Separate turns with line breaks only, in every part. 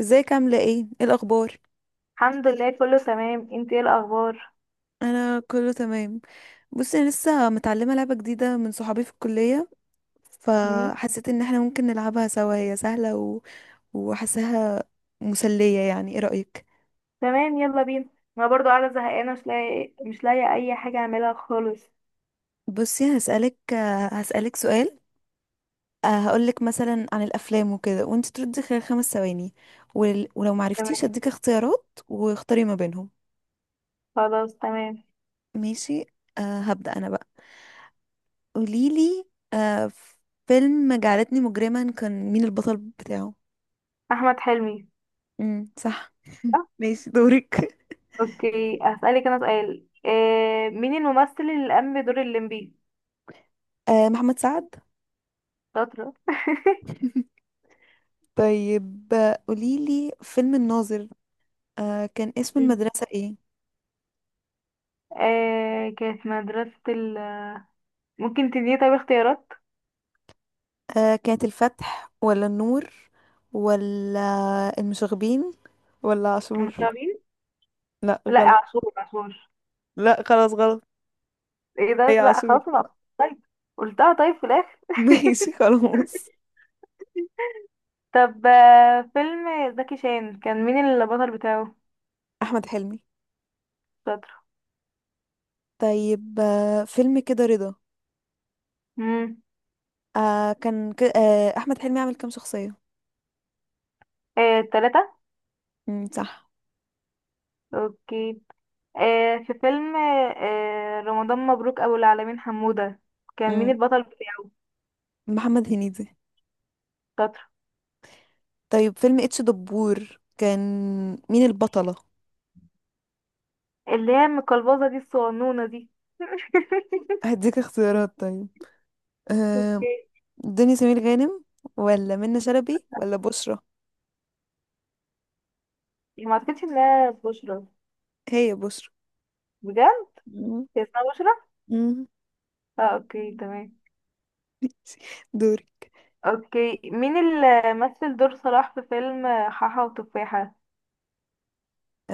ازيك؟ عاملة ايه؟ ايه الأخبار؟
الحمد لله كله تمام. انت ايه الاخبار؟
أنا كله تمام. بصي، أنا لسه متعلمة لعبة جديدة من صحابي في الكلية.
مم؟
فحسيت إن احنا ممكن نلعبها سوا. هي سهلة وحاساها مسلية، يعني ايه رأيك؟
تمام، يلا بينا. انا برضو قاعده زهقانه، مش لاقي اي حاجه اعملها خالص.
بصي، هسألك سؤال. هقولك مثلا عن الأفلام وكده، وانت تردي خلال 5 ثواني. ولو
تمام،
معرفتيش هديك اختيارات واختاري ما بينهم.
خلاص تمام.
ماشي. هبدأ أنا بقى. قوليلي. أه. فيلم جعلتني مجرما، كان مين البطل بتاعه؟
احمد حلمي.
امم، صح.
صح؟
ماشي، دورك.
اوكي، هسألك انا سؤال. مين الممثل اللي قام بدور الليمبي؟
آه، محمد سعد.
شاطره.
طيب، قوليلي فيلم الناظر. كان اسم
مم.
المدرسة ايه؟
كانت مدرسه ممكن تديني طيب اختيارات؟
كانت الفتح ولا النور، ولا المشاغبين، ولا
مش
عاشور؟
عارفين.
لا،
لا،
غلط.
عاشور عاشور.
لا، خلاص غلط.
ايه ده،
هي
لا
عاشور.
خلاص طيب، قلتها طيب في الاخر.
ماشي، خلاص.
طب، فيلم زكي شان كان مين البطل بتاعه؟
احمد حلمي.
شاطر.
طيب، فيلم كده رضا.
امم
آه كان ك... آه احمد حلمي عمل كام شخصية؟
تلاتة.
امم، صح.
اوكي. في فيلم رمضان مبروك ابو العالمين حمودة، كان مين
امم.
البطل بتاعه؟
محمد هنيدي.
شاطر.
طيب، فيلم اتش دبور كان مين البطلة؟
اللي هي المقلبزة دي، الصغنونة دي.
هديك اختيارات طيب. آه.
اوكي.
دنيا سمير غانم، ولا منى شلبي، ولا بشرى؟
ما اعتقدش انها بشرى.
هي بشرى.
بجد،
مم.
هي اسمها بشرى؟
مم.
اه، اوكي تمام.
دوري.
اوكي، مين اللي مثل دور صلاح في فيلم حاحة وتفاحة؟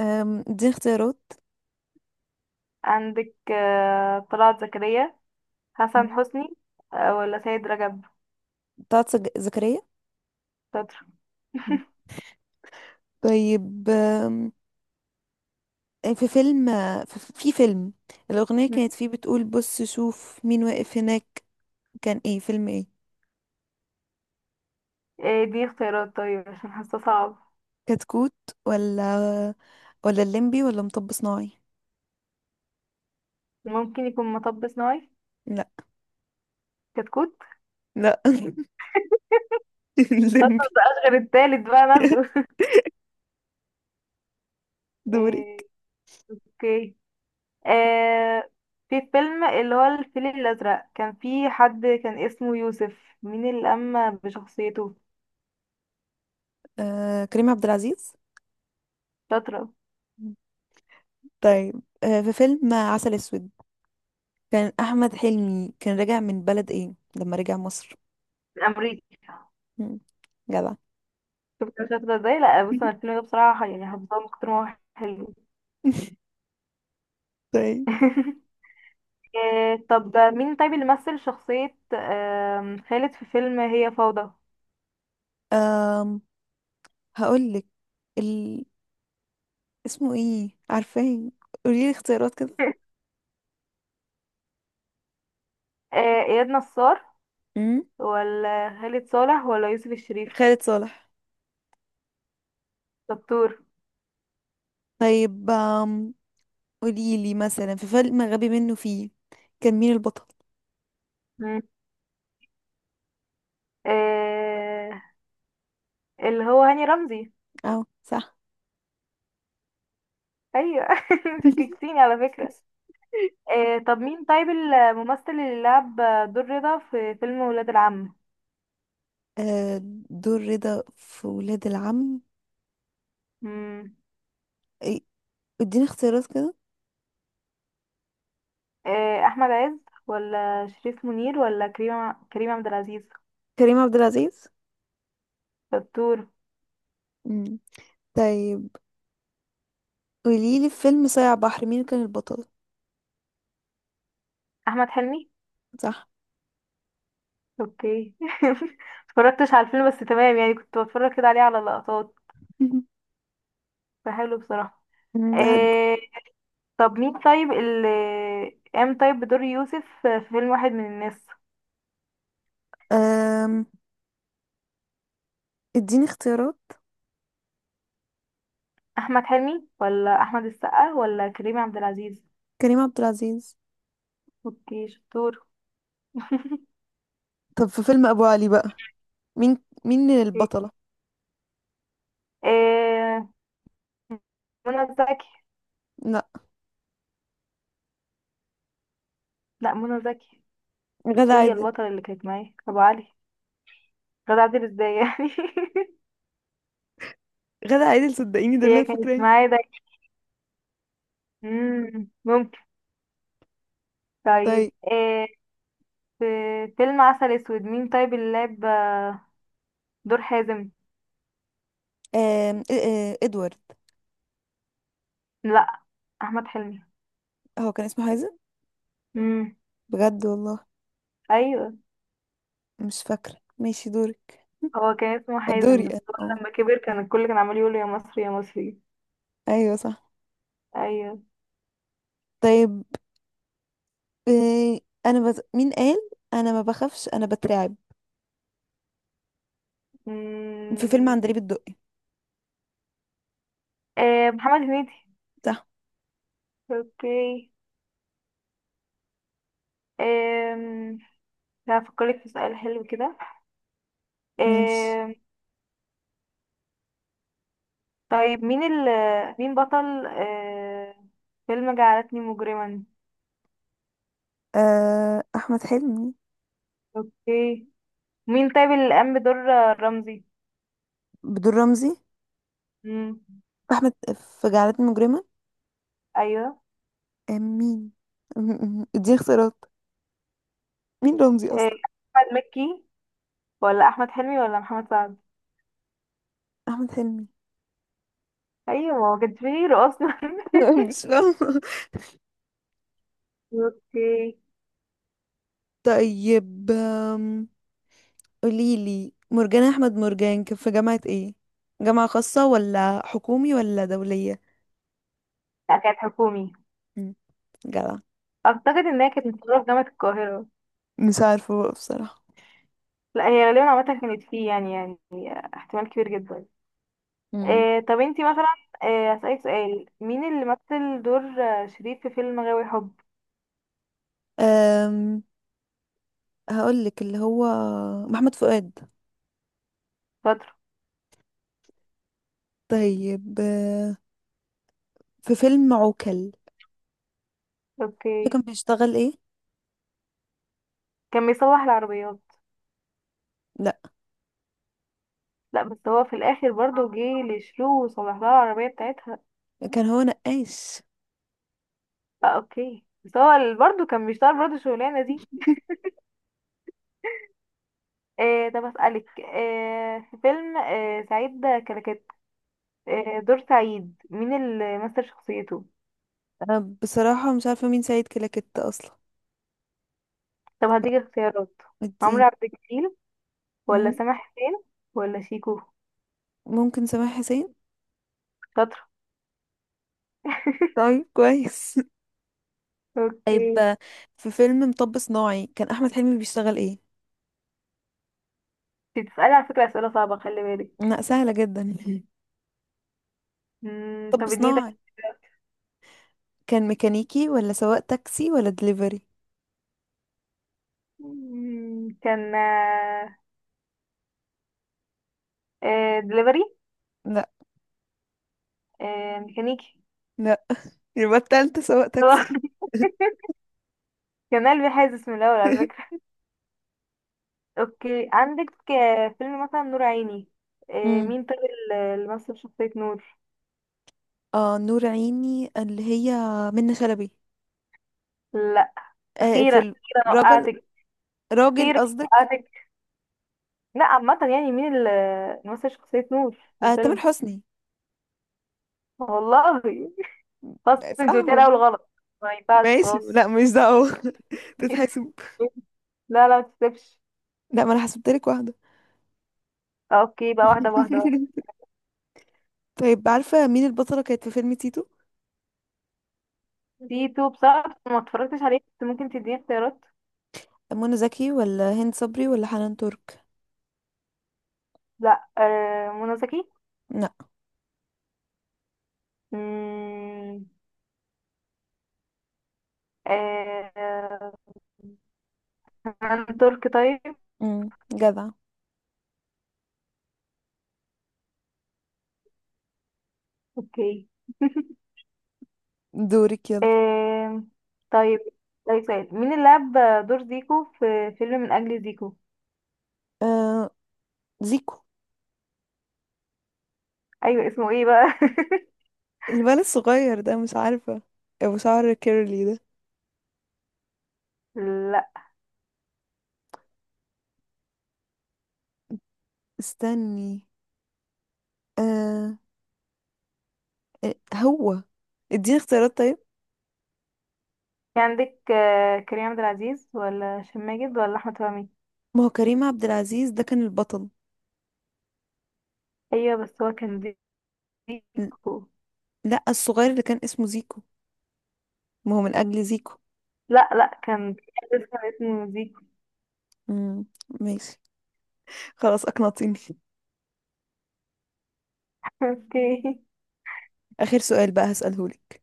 آم، دي اختيارات.
عندك طلعت زكريا، حسن
مم.
حسني، ولا سيد رجب؟
بتاعت زكريا.
شاطر.
مم. طيب. آم، آه، في فيلم في في فيلم الأغنية
مم.
كانت فيه بتقول بص شوف مين واقف هناك. كان ايه؟ فيلم ايه؟
ايه دي اختيارات طيب، عشان حاسه صعب.
كتكوت، ولا ولا الليمبي، ولا مطب صناعي؟
ممكن يكون مطب صناعي.
لا.
كتكوت.
لا.
خلاص
الليمبي.
مبقاش غير التالت بقى ناخده.
دورك.
إيه، اوكي. إيه، في فيلم اللي هو الفيل الأزرق، كان في حد كان اسمه يوسف، مين اللي قام بشخصيته؟
آه، كريم عبد العزيز.
شاطرة.
طيب. في فيلم عسل اسود، كان احمد حلمي كان راجع من بلد ايه لما رجع مصر؟
أمريكي.
مم، جدع.
شفت أنا شاطرة ازاي؟ لا بص، أنا الفيلم ده بصراحة يعني حافظاه من كتر ما هو حلو.
طيب.
طب مين طيب اللي مثل شخصية خالد في فيلم هي فوضى؟
أم هقول لك. ال... اسمه ايه عارفاه؟ قولي لي اختيارات كده.
إياد نصار
امم.
ولا خالد صالح ولا يوسف الشريف؟
خالد صالح.
دكتور.
طيب. قولي لي مثلا، في فيلم غبي منه فيه، كان مين البطل؟
مم. آه، اللي هو هاني رمزي.
اه، صح.
أيوة. انت شككتيني على فكرة. طب مين طيب الممثل اللي لعب دور رضا في فيلم ولاد العم؟
آه، دور رضا في ولاد العم.
مم.
إيه، اديني اختيارات كده.
أحمد عز ولا شريف منير ولا كريم عبد العزيز؟
كريم عبد العزيز.
دكتور.
مم. طيب، قوليلي، في فيلم صايع بحر مين كان البطل؟
أحمد حلمي.
صح.
اوكي. اتفرجتش على الفيلم بس تمام يعني، كنت بتفرج كده عليه على لقطات، فحلو بصراحة.
مم، بحبه.
إيه، طب مين طيب اللي قام طيب بدور يوسف في فيلم واحد من الناس؟
أم... اديني اختيارات.
احمد حلمي ولا احمد السقا ولا كريم عبد العزيز؟
كريم عبد العزيز.
اوكي، شطور.
طب، في فيلم ابو علي بقى، مين مين
اوكي.
البطلة؟
إيه، منى زكي.
لا.
لا، منى زكي
غادة
هي
عادل.
البطلة اللي كانت معايا ابو علي. غادة عادل ازاي يعني؟
غادة عادل، صدقيني ده اللي
هي
انا
كانت
فاكراه.
معايا ده. ممكن. طيب،
طيب.
في فيلم عسل اسود، مين طيب اللي لعب دور حازم؟
ادوارد.
لا، احمد حلمي.
هو كان اسمه حازم؟
امم.
بجد والله.
ايوه،
مش فاكرة. ماشي، دورك.
هو كان اسمه حازم،
دوري أنا.
بس هو
اه.
لما كبر كان الكل كان عمال يقول له يا مصري يا مصري.
ايوه، صح.
ايوه.
طيب. آه، مين قال انا ما بخافش انا بترعب؟ في فيلم
امم
عندليب الدقي؟
محمد هنيدي.
صح.
اوكي. امم هفكرك في سؤال حلو كده.
ماشي.
آه طيب مين مين بطل فيلم جعلتني مجرما؟
احمد حلمي.
اوكي. مين طيب اللي قام بدور رمزي؟
بدور رمزي.
امم
احمد. في جعلتني مجرمة.
ايوه.
مين؟ دي اختيارات. مين رمزي
إيه،
اصلا؟
احمد مكي ولا احمد حلمي ولا محمد سعد؟
احمد حلمي.
ايوه، ما هو كانش فيه غيره اصلا.
مش فاهمة.
اوكي.
طيب. قوليلي، مرجان احمد مرجان كان في جامعة ايه؟ جامعة خاصة ولا حكومي ولا دولية؟
لا، كانت حكومي.
مم، جدع.
اعتقد انها كانت متصوره في جامعه القاهره.
مش عارفة بقى بصراحة.
لا، هي غالبا عامه كانت فيه يعني احتمال كبير جدا.
مم.
إيه، طب انتي مثلا، إيه اسالك سؤال، مين اللي مثل دور شريف في فيلم غاوي حب؟
أم هقول لك اللي هو محمد فؤاد.
شاطر.
طيب. في فيلم عوكل، ده
اوكي.
كان بيشتغل ايه؟
كان بيصلح العربيات.
لا،
لا، بس هو في الاخر برضه جه لشلو وصلح لها العربيه بتاعتها.
كان هو نقاش.
آه، اوكي، بس هو برضه كان بيشتغل برضه الشغلانه دي. إيه، طب أسألك إيه، في فيلم إيه سعيد كلكت، إيه دور سعيد، مين اللي مثل شخصيته؟
انا بصراحة مش عارفة مين سيد كلاكيت اصلا.
طب هديك اختيارات، عمرو
الدين.
عبد الجليل ولا
مم.
سامح حسين ولا شيكو؟
ممكن سامح حسين.
شاطرة.
طيب، كويس. طيب.
اوكي،
في فيلم مطب صناعي كان احمد حلمي بيشتغل ايه؟
انت بتسألي على فكرة أسئلة صعبة، خلي بالك.
لا، سهلة جدا. مطب
طب اديني ده.
صناعي، كان ميكانيكي ولا سواق تاكسي ولا دليفري؟
كان دليفري.
لا.
آه، ميكانيكي.
لا. يبقى التالتة سواق تاكسي.
كان قلبي حاسس من الأول على فكرة. اوكي، عندك فيلم مثلا نور عيني. مين طيب اللي مثل شخصية نور؟
آه، نور عيني اللي هي منة شلبي.
لا، اخيرا
في
اخيرا
الرجل.
وقعتك.
راجل
اخيرا
قصدك؟
وقعتك. لا عامة يعني، مين اللي مثل شخصية نور في
آه، تامر
الفيلم؟
حسني.
والله، خلاص،
صح
انت قلتيها الاول
ولا؟
غلط، ما ينفعش
ماشي، لا
خلاص.
مش دعوة تتحسب.
لا لا، ما تكسبش.
لا، ما انا حسبتلك واحدة.
اوكي بقى، واحدة بواحدة.
طيب، عارفة مين البطلة كانت في فيلم تيتو؟
تيتو بصراحة ما اتفرجتش عليه، بس ممكن تديني اختيارات؟
منى زكي ولا هند صبري ولا حنان ترك؟
لا، منى زكي.
لا.
مم، آه، هند ترك طيب.
امم، جدع.
اوكي.
دورك يلا.
آم، طيب طيب سؤال، مين اللي لعب دور زيكو في فيلم من أجل زيكو؟
آه زيكو.
ايوه، اسمه ايه بقى؟
الولد الصغير ده، مش عارفة. ابو شعر كيرلي ده.
لا،
استني. آه هو. اديني اختيارات طيب.
في عندك كريم عبد العزيز ولا هشام ماجد ولا احمد فهمي؟
ما هو كريم عبد العزيز ده كان البطل.
ايوه بس هو كان
ل-
زيكو.
لا، الصغير اللي كان اسمه زيكو. ما هو من اجل زيكو.
لا لا، كان اسمه زيكو.
امم. ماشي. خلاص، اقنعتيني.
اوكي.
اخر سؤال بقى هسألهولك.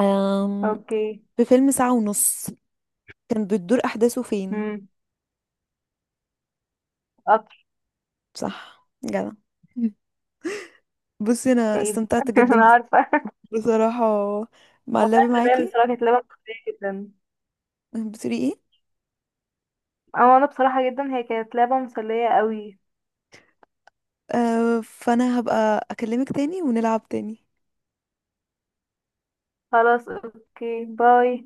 أم...
اوكي.
في فيلم ساعة ونص، كان بتدور احداثه فين؟
امم قطر.
صح، جدع. مم. بصي، انا
طيب.
استمتعت جدا
انا عارفه.
بصراحة مع
والله،
اللعب
تمام
معاكي.
بصراحه، كانت لعبه مسليه جدا.
بتقولي ايه؟
او انا بصراحه جدا، هي كانت لعبه مسليه قوي.
أه، فانا هبقى اكلمك تاني ونلعب تاني.
خلاص، اوكي، باي.